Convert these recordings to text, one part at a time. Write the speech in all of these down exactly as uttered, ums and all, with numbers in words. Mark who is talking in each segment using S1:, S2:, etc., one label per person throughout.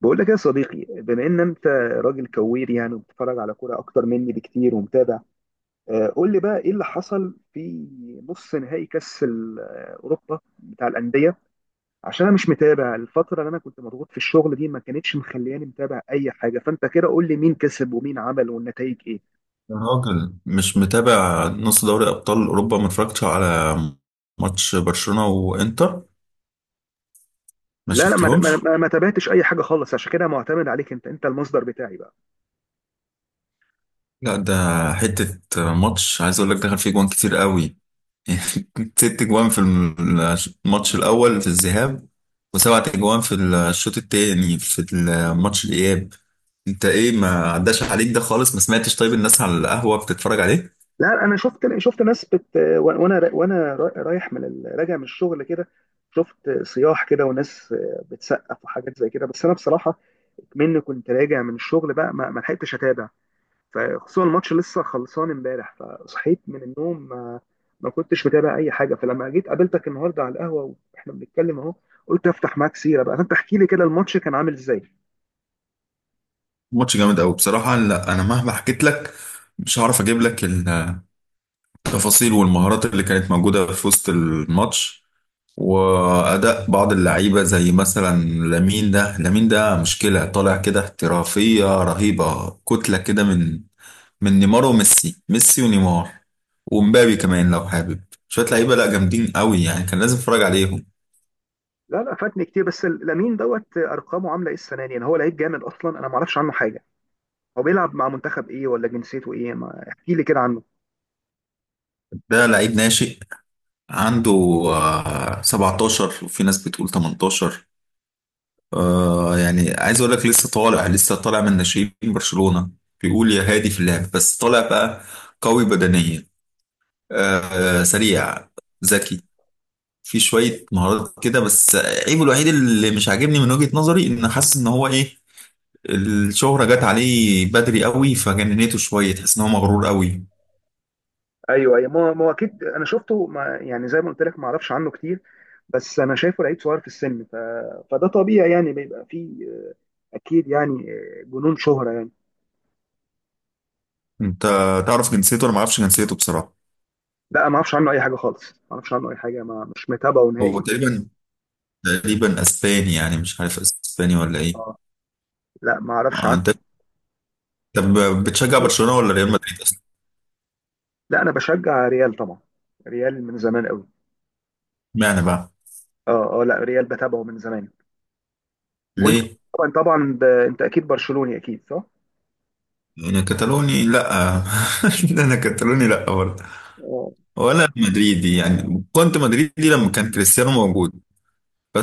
S1: بقول لك يا صديقي، بما ان انت راجل كوير يعني، وبتتفرج على كوره اكتر مني بكتير ومتابع، آه، قول لي بقى ايه اللي حصل في نص نهائي كاس ال- آه، اوروبا بتاع الانديه. عشان انا مش متابع، الفتره اللي انا كنت مضغوط في الشغل دي ما كانتش مخلياني متابع اي حاجه، فانت كده قول لي مين كسب ومين عمل والنتائج ايه.
S2: يا راجل، مش متابع نص دوري ابطال اوروبا. ما اتفرجتش على ماتش برشلونة وانتر، ما
S1: لا لا، ما ما-
S2: شفتهمش.
S1: ما- ما تابعتش اي حاجه خالص، عشان كده معتمد عليك. انت انت المصدر بتاعي بقى.
S2: لا، ده حتة ماتش عايز اقول لك دخل فيه جوان كتير قوي. ست جوان في الماتش الاول في الذهاب، وسبعة جوان في الشوط التاني في الماتش الاياب. انت ايه، ما عداش عليك ده خالص؟ ما سمعتش؟ طيب، الناس على القهوة بتتفرج عليه.
S1: لا، انا شفت شفت ناس بت وانا وانا رايح من ال... راجع من الشغل كده، شفت صياح كده وناس بتسقف وحاجات زي كده. بس انا بصراحه، مني كنت راجع من الشغل بقى، ما ما لحقتش اتابع، فخصوصا الماتش لسه خلصان امبارح، فصحيت من النوم ما, ما كنتش متابع اي حاجه. فلما جيت قابلتك النهارده على القهوه واحنا بنتكلم اهو، قلت افتح معاك سيره بقى، فانت احكي لي كده، الماتش كان عامل ازاي؟
S2: ماتش جامد قوي بصراحة. لا، انا مهما حكيت لك مش هعرف اجيب لك التفاصيل والمهارات اللي كانت موجودة في وسط الماتش، وأداء بعض اللعيبة، زي مثلا لامين ده لامين ده مشكلة، طالع كده احترافية رهيبة، كتلة كده من من نيمار وميسي، ميسي ونيمار، ومبابي كمان. لو حابب شوية لعيبة، لا جامدين قوي يعني، كان لازم اتفرج عليهم.
S1: لا لا، فاتني كتير. بس لامين دوت، ارقامه عامله ايه السنه دي؟ يعني هو لعيب جامد اصلا، انا ما اعرفش عنه حاجه. هو بيلعب مع منتخب ايه، ولا جنسيته ايه؟ ما احكي لي كده عنه.
S2: ده لعيب ناشئ، عنده آه، سبعتاشر، وفي ناس بتقول تمنتاشر. آه يعني عايز اقول لك لسه طالع، لسه طالع من ناشئين برشلونة، بيقول يا هادي في اللعب، بس طالع بقى قوي بدنيا، آه سريع، ذكي، في شوية مهارات كده. بس عيبه الوحيد اللي مش عاجبني من وجهة نظري، ان حاسس ان هو ايه، الشهرة جت عليه بدري قوي فجننته شوية، تحس ان هو مغرور قوي.
S1: ايوه ايوه، ما ما هو اكيد. انا شفته، ما يعني زي ما قلت لك، ما اعرفش عنه كتير. بس انا شايفه لعيب صغير في السن، ف... فده طبيعي يعني، بيبقى فيه آه، اكيد يعني آه، جنون شهرة يعني.
S2: انت تعرف جنسيته؟ انا ما اعرفش جنسيته بصراحة.
S1: لا ما اعرفش عنه اي حاجه خالص، ما اعرفش عنه اي حاجه، ما مش متابعه نهائي
S2: هو
S1: دلوقتي.
S2: تقريبا تقريبا اسباني يعني، مش عارف اسباني ولا ايه.
S1: اه، لا ما اعرفش
S2: آه،
S1: عنه.
S2: انت، طب بتشجع برشلونة ولا ريال مدريد؟
S1: لا انا بشجع ريال طبعا، ريال من زمان قوي.
S2: معنى بقى
S1: اه اه، لا ريال بتابعه من زمان. وانت
S2: ليه؟
S1: طبعا طبعا ب... انت اكيد برشلوني، اكيد صح؟
S2: انا كتالوني لا، انا كتالوني لا برضه،
S1: اه
S2: ولا مدريدي يعني. كنت مدريدي لما كان كريستيانو موجود،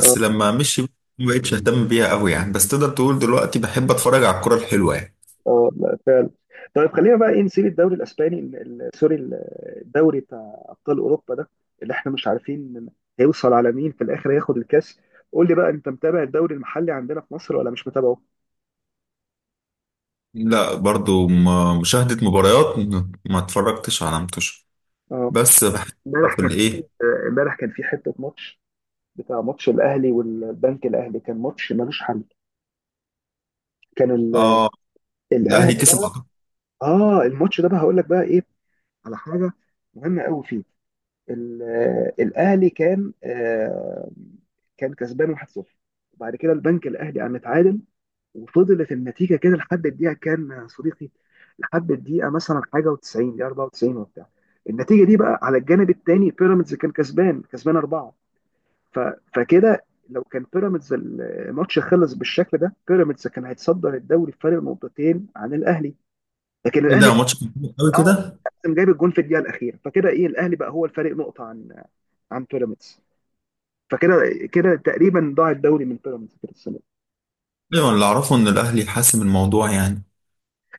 S1: اه
S2: لما مشي ما بقتش اهتم بيها قوي يعني. بس تقدر تقول دلوقتي بحب اتفرج على الكرة الحلوة يعني.
S1: اه، لا فعلا. طيب خلينا بقى ايه، نسيب الدوري الاسباني ال- ال- سوري ال- الدوري بتاع ابطال اوروبا ده، اللي احنا مش عارفين هيوصل على مين في الاخر، هياخد الكاس. قول لي بقى، انت متابع الدوري المحلي عندنا في مصر ولا مش متابعه؟
S2: لا، برضه م- مشاهدة مباريات، م- ما اتفرجتش على متوش،
S1: اه.
S2: بس بحب.
S1: امبارح
S2: في
S1: كان في
S2: الايه؟
S1: امبارح كان في حته ماتش، بتاع ماتش الاهلي والبنك الاهلي، كان ماتش ملوش حل. كان ال-
S2: اه، الاهلي
S1: الاهلي
S2: كسب
S1: ده،
S2: أعتقد.
S1: اه، الماتش ده بقى هقول لك بقى ايه، على حاجه مهمه قوي فيه. ال- الاهلي كان آه، كان كسبان واحد صفر، وبعد كده البنك الاهلي قام اتعادل، وفضلت النتيجه كده لحد الدقيقه كام يا صديقي؟ لحد الدقيقه مثلا حاجه و90 دقيقه، أربعة وتسعين وبتاع. النتيجه دي بقى على الجانب الثاني، بيراميدز كان كسبان كسبان اربعه. ف... فكده لو كان بيراميدز الماتش خلص بالشكل ده، بيراميدز كان هيتصدر الدوري بفارق نقطتين عن الاهلي. لكن
S2: ايه
S1: الاهلي
S2: ده، ماتش كان حلو قوي
S1: اه
S2: كده.
S1: كان جايب الجون في الدقيقه الاخيره، فكده ايه الاهلي بقى هو الفارق نقطه عن عن بيراميدز. فكده كده تقريبا ضاع الدوري من بيراميدز كده السنه دي.
S2: ايوه، اللي اعرفه ان الاهلي حاسم الموضوع يعني.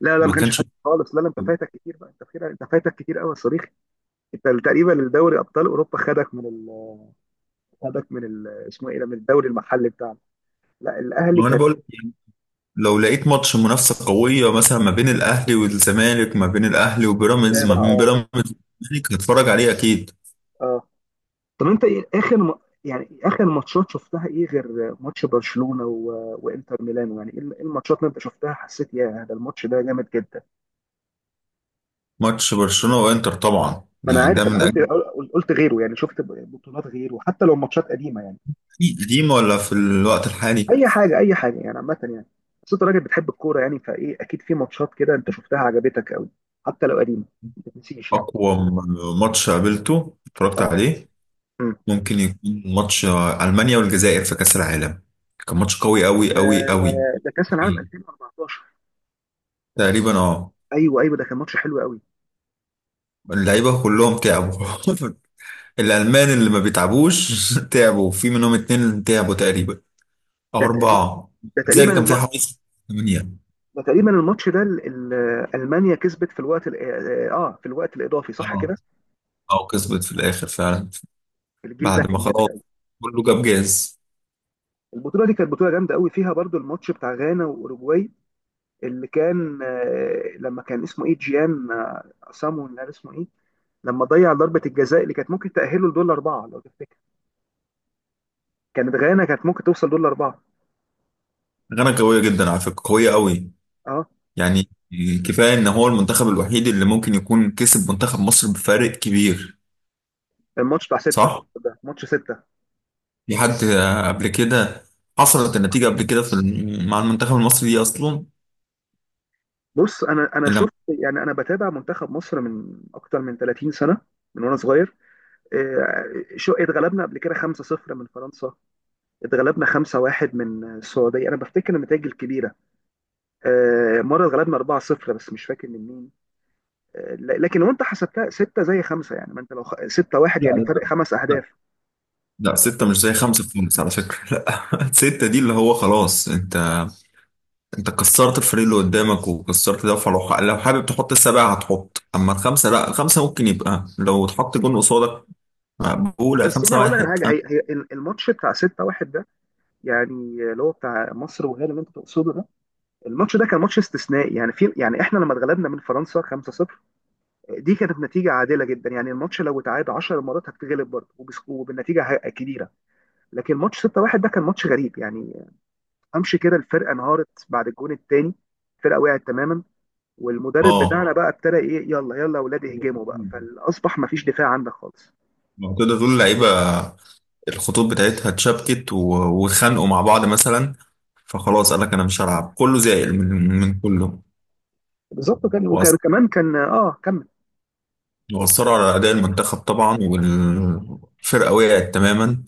S1: لا لا، ما
S2: ما
S1: كانش
S2: كانش.
S1: حد خالص. لا لا، انت فايتك كتير بقى. انت كده انت فايتك كتير قوي يا صديقي. انت تقريبا الدوري ابطال اوروبا خدك من ال... خدك من ال... اسمه ايه ده، من الدوري المحلي بتاعنا. لا الاهلي
S2: ما انا
S1: كان
S2: بقول، لو لقيت ماتش منافسة قوية مثلا، ما بين الأهلي والزمالك، ما بين الأهلي وبيراميدز، ما
S1: متابع.
S2: بين
S1: اه
S2: بيراميدز والزمالك، هتفرج عليه أكيد.
S1: اه، طب انت ايه اخر م... يعني اخر ماتشات شفتها ايه، غير ماتش برشلونه و... وانتر ميلانو؟ يعني ايه ال- إيه الماتشات اللي انت شفتها حسيت، يا ده الماتش ده جامد جدا؟
S2: ماتش برشلونة وإنتر طبعا
S1: ما انا
S2: يعني، ده
S1: عارف، انا
S2: من
S1: قلت
S2: أجل.
S1: قلت غيره يعني. شفت بطولات غيره، حتى لو ماتشات قديمه يعني.
S2: قديم ولا في الوقت الحالي؟
S1: اي حاجه اي حاجه، يعني عامه يعني، بس انت راجل بتحب الكوره يعني، فايه اكيد في ماتشات كده انت شفتها عجبتك قوي، حتى لو قديمه ما تنسيش يعني.
S2: أقوى م- ماتش قابلته اتفرجت
S1: اه.
S2: عليه،
S1: أمم.
S2: ممكن يكون ماتش ألمانيا والجزائر في كأس العالم. كان ماتش قوي أوي أوي أوي.
S1: ده ده كاس العالم ألفين وأربعتاشر.
S2: تقريبا، اه.
S1: ايوه ايوه، ده كان ماتش حلو قوي.
S2: اللعيبة كلهم تعبوا. الألمان اللي ما بيتعبوش تعبوا، في منهم اتنين تعبوا تقريبا، أو
S1: ده تقريبا
S2: أربعة.
S1: ده تقريبا
S2: لذلك كان فيها
S1: الم...
S2: حوالي ثمانية.
S1: ده تقريبا الماتش ده، ال- ال- المانيا كسبت في الوقت ال- اه آه، آه، في الوقت الاضافي، صح
S2: اه،
S1: كده؟
S2: أو كسبت في الآخر فعلا،
S1: الجيل ده
S2: بعد ما
S1: كان جامد
S2: خلاص
S1: قوي.
S2: كله جاب جاز.
S1: البطوله دي كانت بطوله جامده قوي، فيها برضو الماتش بتاع غانا واوروجواي، اللي كان آه، لما كان اسمه ايه، جيان آه، سامو ولا اسمه ايه، لما ضيع ضربة الجزاء اللي كانت ممكن تأهله لدول أربعة لو تفتكر. كانت غانا كانت ممكن توصل دول أربعة.
S2: غانا قوية جدا على فكرة، قوية قوي
S1: أه،
S2: يعني. كفاية إن هو المنتخب الوحيد اللي ممكن يكون كسب منتخب مصر بفارق كبير.
S1: الماتش بتاع ستة
S2: صح؟
S1: ده ماتش ستة.
S2: في حد قبل كده حصلت النتيجة قبل كده في الم- مع المنتخب المصري دي أصلا؟
S1: بص، أنا أنا
S2: إلا لا.
S1: شفت يعني، أنا بتابع منتخب مصر من أكتر من تلاتين سنة، من وأنا صغير. آه، شو اتغلبنا قبل كده خمسة صفر من فرنسا، اتغلبنا خمسة واحد من السعودية. أنا بفتكر النتائج الكبيرة. آه، مرة اتغلبنا أربعة صفر، بس مش فاكر من مين. آه، ل- لكن لو أنت حسبتها ستة زي خمسة يعني، ما أنت لو ستة واحد
S2: لا،
S1: يعني فرق
S2: لا،
S1: خمس أهداف.
S2: لا، ستة مش زي خمسة في خالص على فكرة، لا. ستة دي اللي هو خلاص انت كسرت الفريق اللي قدامك، وكسرت ده. فلو، لو حابب تحط السبعة هتحط، اما الخمسة لا، خمسة ممكن يبقى لو اتحط جون قصادك، مقبولة.
S1: بس
S2: خمسة
S1: انا هقول لك على
S2: واحد،
S1: حاجه،
S2: خمسة.
S1: هي هي الماتش بتاع ستة واحد ده يعني، اللي هو بتاع مصر وغانا اللي انت تقصده ده. الماتش ده كان ماتش استثنائي يعني، في يعني احنا لما اتغلبنا من فرنسا خمسة صفر، دي كانت نتيجه عادله جدا يعني. الماتش لو اتعاد عشر مرات هتتغلب برضه، وبس- وبالنتيجه ه- كبيره. لكن ماتش ستة واحد ده كان ماتش غريب يعني، امشي كده الفرقه انهارت بعد الجون الثاني، الفرقه وقعت تماما، والمدرب
S2: اه،
S1: بتاعنا بقى ابتدى ايه يلا يلا يا اولاد اهجموا بقى، فاصبح ما فيش دفاع عندك خالص.
S2: لو تقدر تقول اللعيبة الخطوط بتاعتها اتشابكت و- واتخانقوا مع بعض مثلا، فخلاص قال لك انا مش هلعب، كله زائل من من كله.
S1: بالظبط، كان وكان
S2: وأث-
S1: كمان كان، اه، كمل.
S2: وأثروا على أداء المنتخب طبعا، والفرقة وقعت تماما.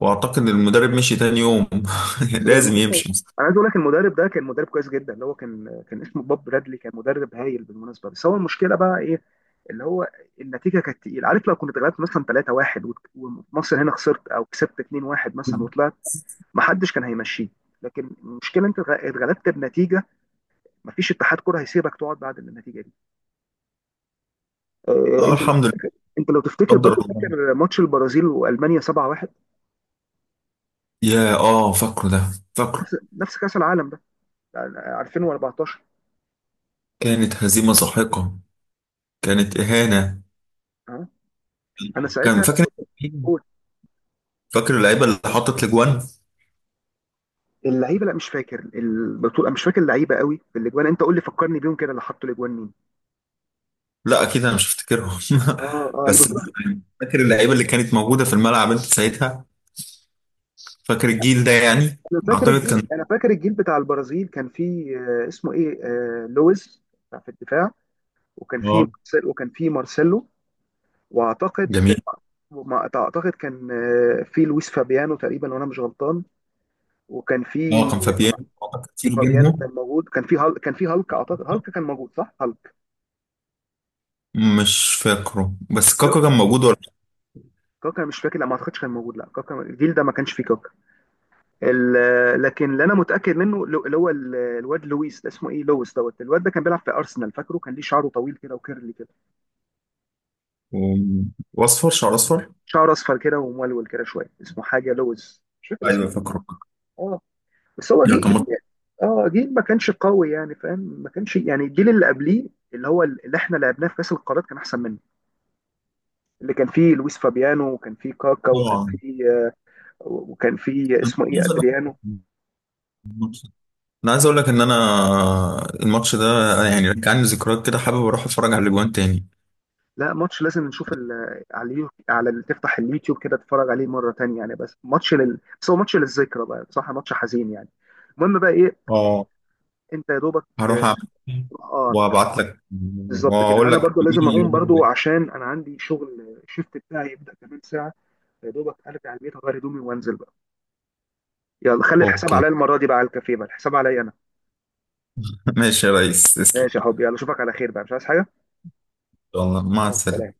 S2: وأعتقد المدرب مشي تاني يوم.
S1: ده ما
S2: لازم
S1: هو-
S2: يمشي.
S1: انا عايز اقول لك، المدرب ده كان مدرب كويس جدا. اللي هو كان، كان اسمه بوب برادلي، كان مدرب هايل بالمناسبه. بس هو المشكله بقى ايه، اللي هو النتيجه كانت تقيله. عارف لو كنت اتغلبت مثلا تلاتة واحد، وت- ومصر هنا خسرت او كسبت اتنين واحد مثلا وطلعت، ما حدش كان هيمشيه. لكن المشكله انت اتغ- اتغلبت بنتيجه، ما فيش اتحاد كره هيسيبك تقعد بعد النتيجه دي. آه،
S2: اه،
S1: انت لو
S2: الحمد لله،
S1: تفتكر، انت لو تفتكر
S2: قدر
S1: برضه
S2: الله.
S1: فاكر ماتش البرازيل والمانيا سبعة واحد؟
S2: يا اه، فاكره ده فاكره.
S1: نفس نفس كاس العالم ده، ألفين وأربعتاشر.
S2: كانت هزيمة ساحقة، كانت إهانة.
S1: اه انا
S2: كان
S1: ساعتها،
S2: فاكر فاكر اللعيبة اللي حطت الأجوان.
S1: اللعيبه لا مش فاكر، البطوله مش فاكر، اللعيبه قوي في الاجوان. انت قول لي، فكرني بيهم كده اللي حطوا الاجوان مين.
S2: لا، أكيد أنا مش هفتكرهم.
S1: اه اه،
S2: بس
S1: البطوله.
S2: فاكر اللعيبة اللي كانت موجودة في الملعب أنت ساعتها؟ فاكر الجيل ده يعني؟
S1: انا فاكر
S2: أعتقد
S1: الجيل
S2: كان،
S1: انا فاكر الجيل بتاع البرازيل، كان فيه آه، اسمه ايه آه لويز، بتاع في الدفاع. وكان فيه
S2: اه،
S1: مارسيل وكان فيه مارسيلو.
S2: جميل.
S1: واعتقد ما اعتقد كان آه، في لويس فابيانو تقريبا وانا مش غلطان. وكان
S2: اه،
S1: في
S2: كان فابيان أعتقد كتير
S1: فابيانو
S2: بينهم.
S1: كان موجود، كان في هل... كان في هالك، اعتقد هالك كان موجود، صح هالك.
S2: مش فاكره، بس
S1: لا،
S2: كاكا كان موجود ولا؟
S1: كاكا مش فاكر، لا ما اعتقدش كان موجود. لا كاكا الجيل ده ما كانش فيه كاكا. ال- لكن اللي انا متاكد منه، لو- اللي هو ال- الواد لويس ده اسمه ايه، لويس دوت. الواد ده كان بيلعب في ارسنال، فاكره كان ليه شعره طويل كده وكيرلي كده،
S2: و- وأصفر، شعر أصفر.
S1: شعره اصفر كده ومولول كده شويه، اسمه حاجه لويس، مش فاكر
S2: أيوه
S1: اسمه.
S2: فاكره.
S1: اه، بس هو
S2: يا
S1: جيل
S2: كان
S1: جيل.
S2: مط-
S1: اه، جيل ما كانش قوي يعني، فاهم، ما كانش يعني الجيل اللي قبليه، اللي هو اللي احنا لعبناه في كاس القارات كان احسن منه، اللي كان فيه لويس فابيانو وكان فيه كاكا، وكان
S2: طبعا.
S1: فيه آه، وكان فيه اسمه ايه ادريانو.
S2: انا عايز اقول لك ان انا الماتش ده يعني رجعني ذكريات كده، حابب اروح اتفرج على الاجوان تاني.
S1: لا، ماتش لازم نشوف ال... على اليو... على ال... تفتح اليوتيوب كده تتفرج عليه مره تانية يعني. بس ماتش لل... بس هو ماتش للذكرى بقى بصراحه، ماتش حزين يعني. المهم بقى ايه،
S2: اه،
S1: انت يا دوبك.
S2: هروح
S1: اه
S2: اعمل
S1: آه،
S2: وابعت لك،
S1: بالظبط كده،
S2: واقول
S1: انا
S2: لك
S1: برضو
S2: مين
S1: لازم
S2: اللي
S1: اقوم
S2: جاب
S1: برضو
S2: الجوان.
S1: عشان انا عندي شغل، الشيفت بتاعي يبدا كمان ساعه. يا دوبك ارجع البيت، اغير هدومي وانزل بقى. يلا، خلي الحساب
S2: اوكي.
S1: عليا المره دي بقى، على الكافيه بقى الحساب عليا انا.
S2: ماشي يا ريس، تسلم.
S1: ماشي يا حبيبي، يلا اشوفك على خير بقى، مش عايز حاجه.
S2: يلا، مع
S1: يلا،
S2: السلامة.
S1: سلام.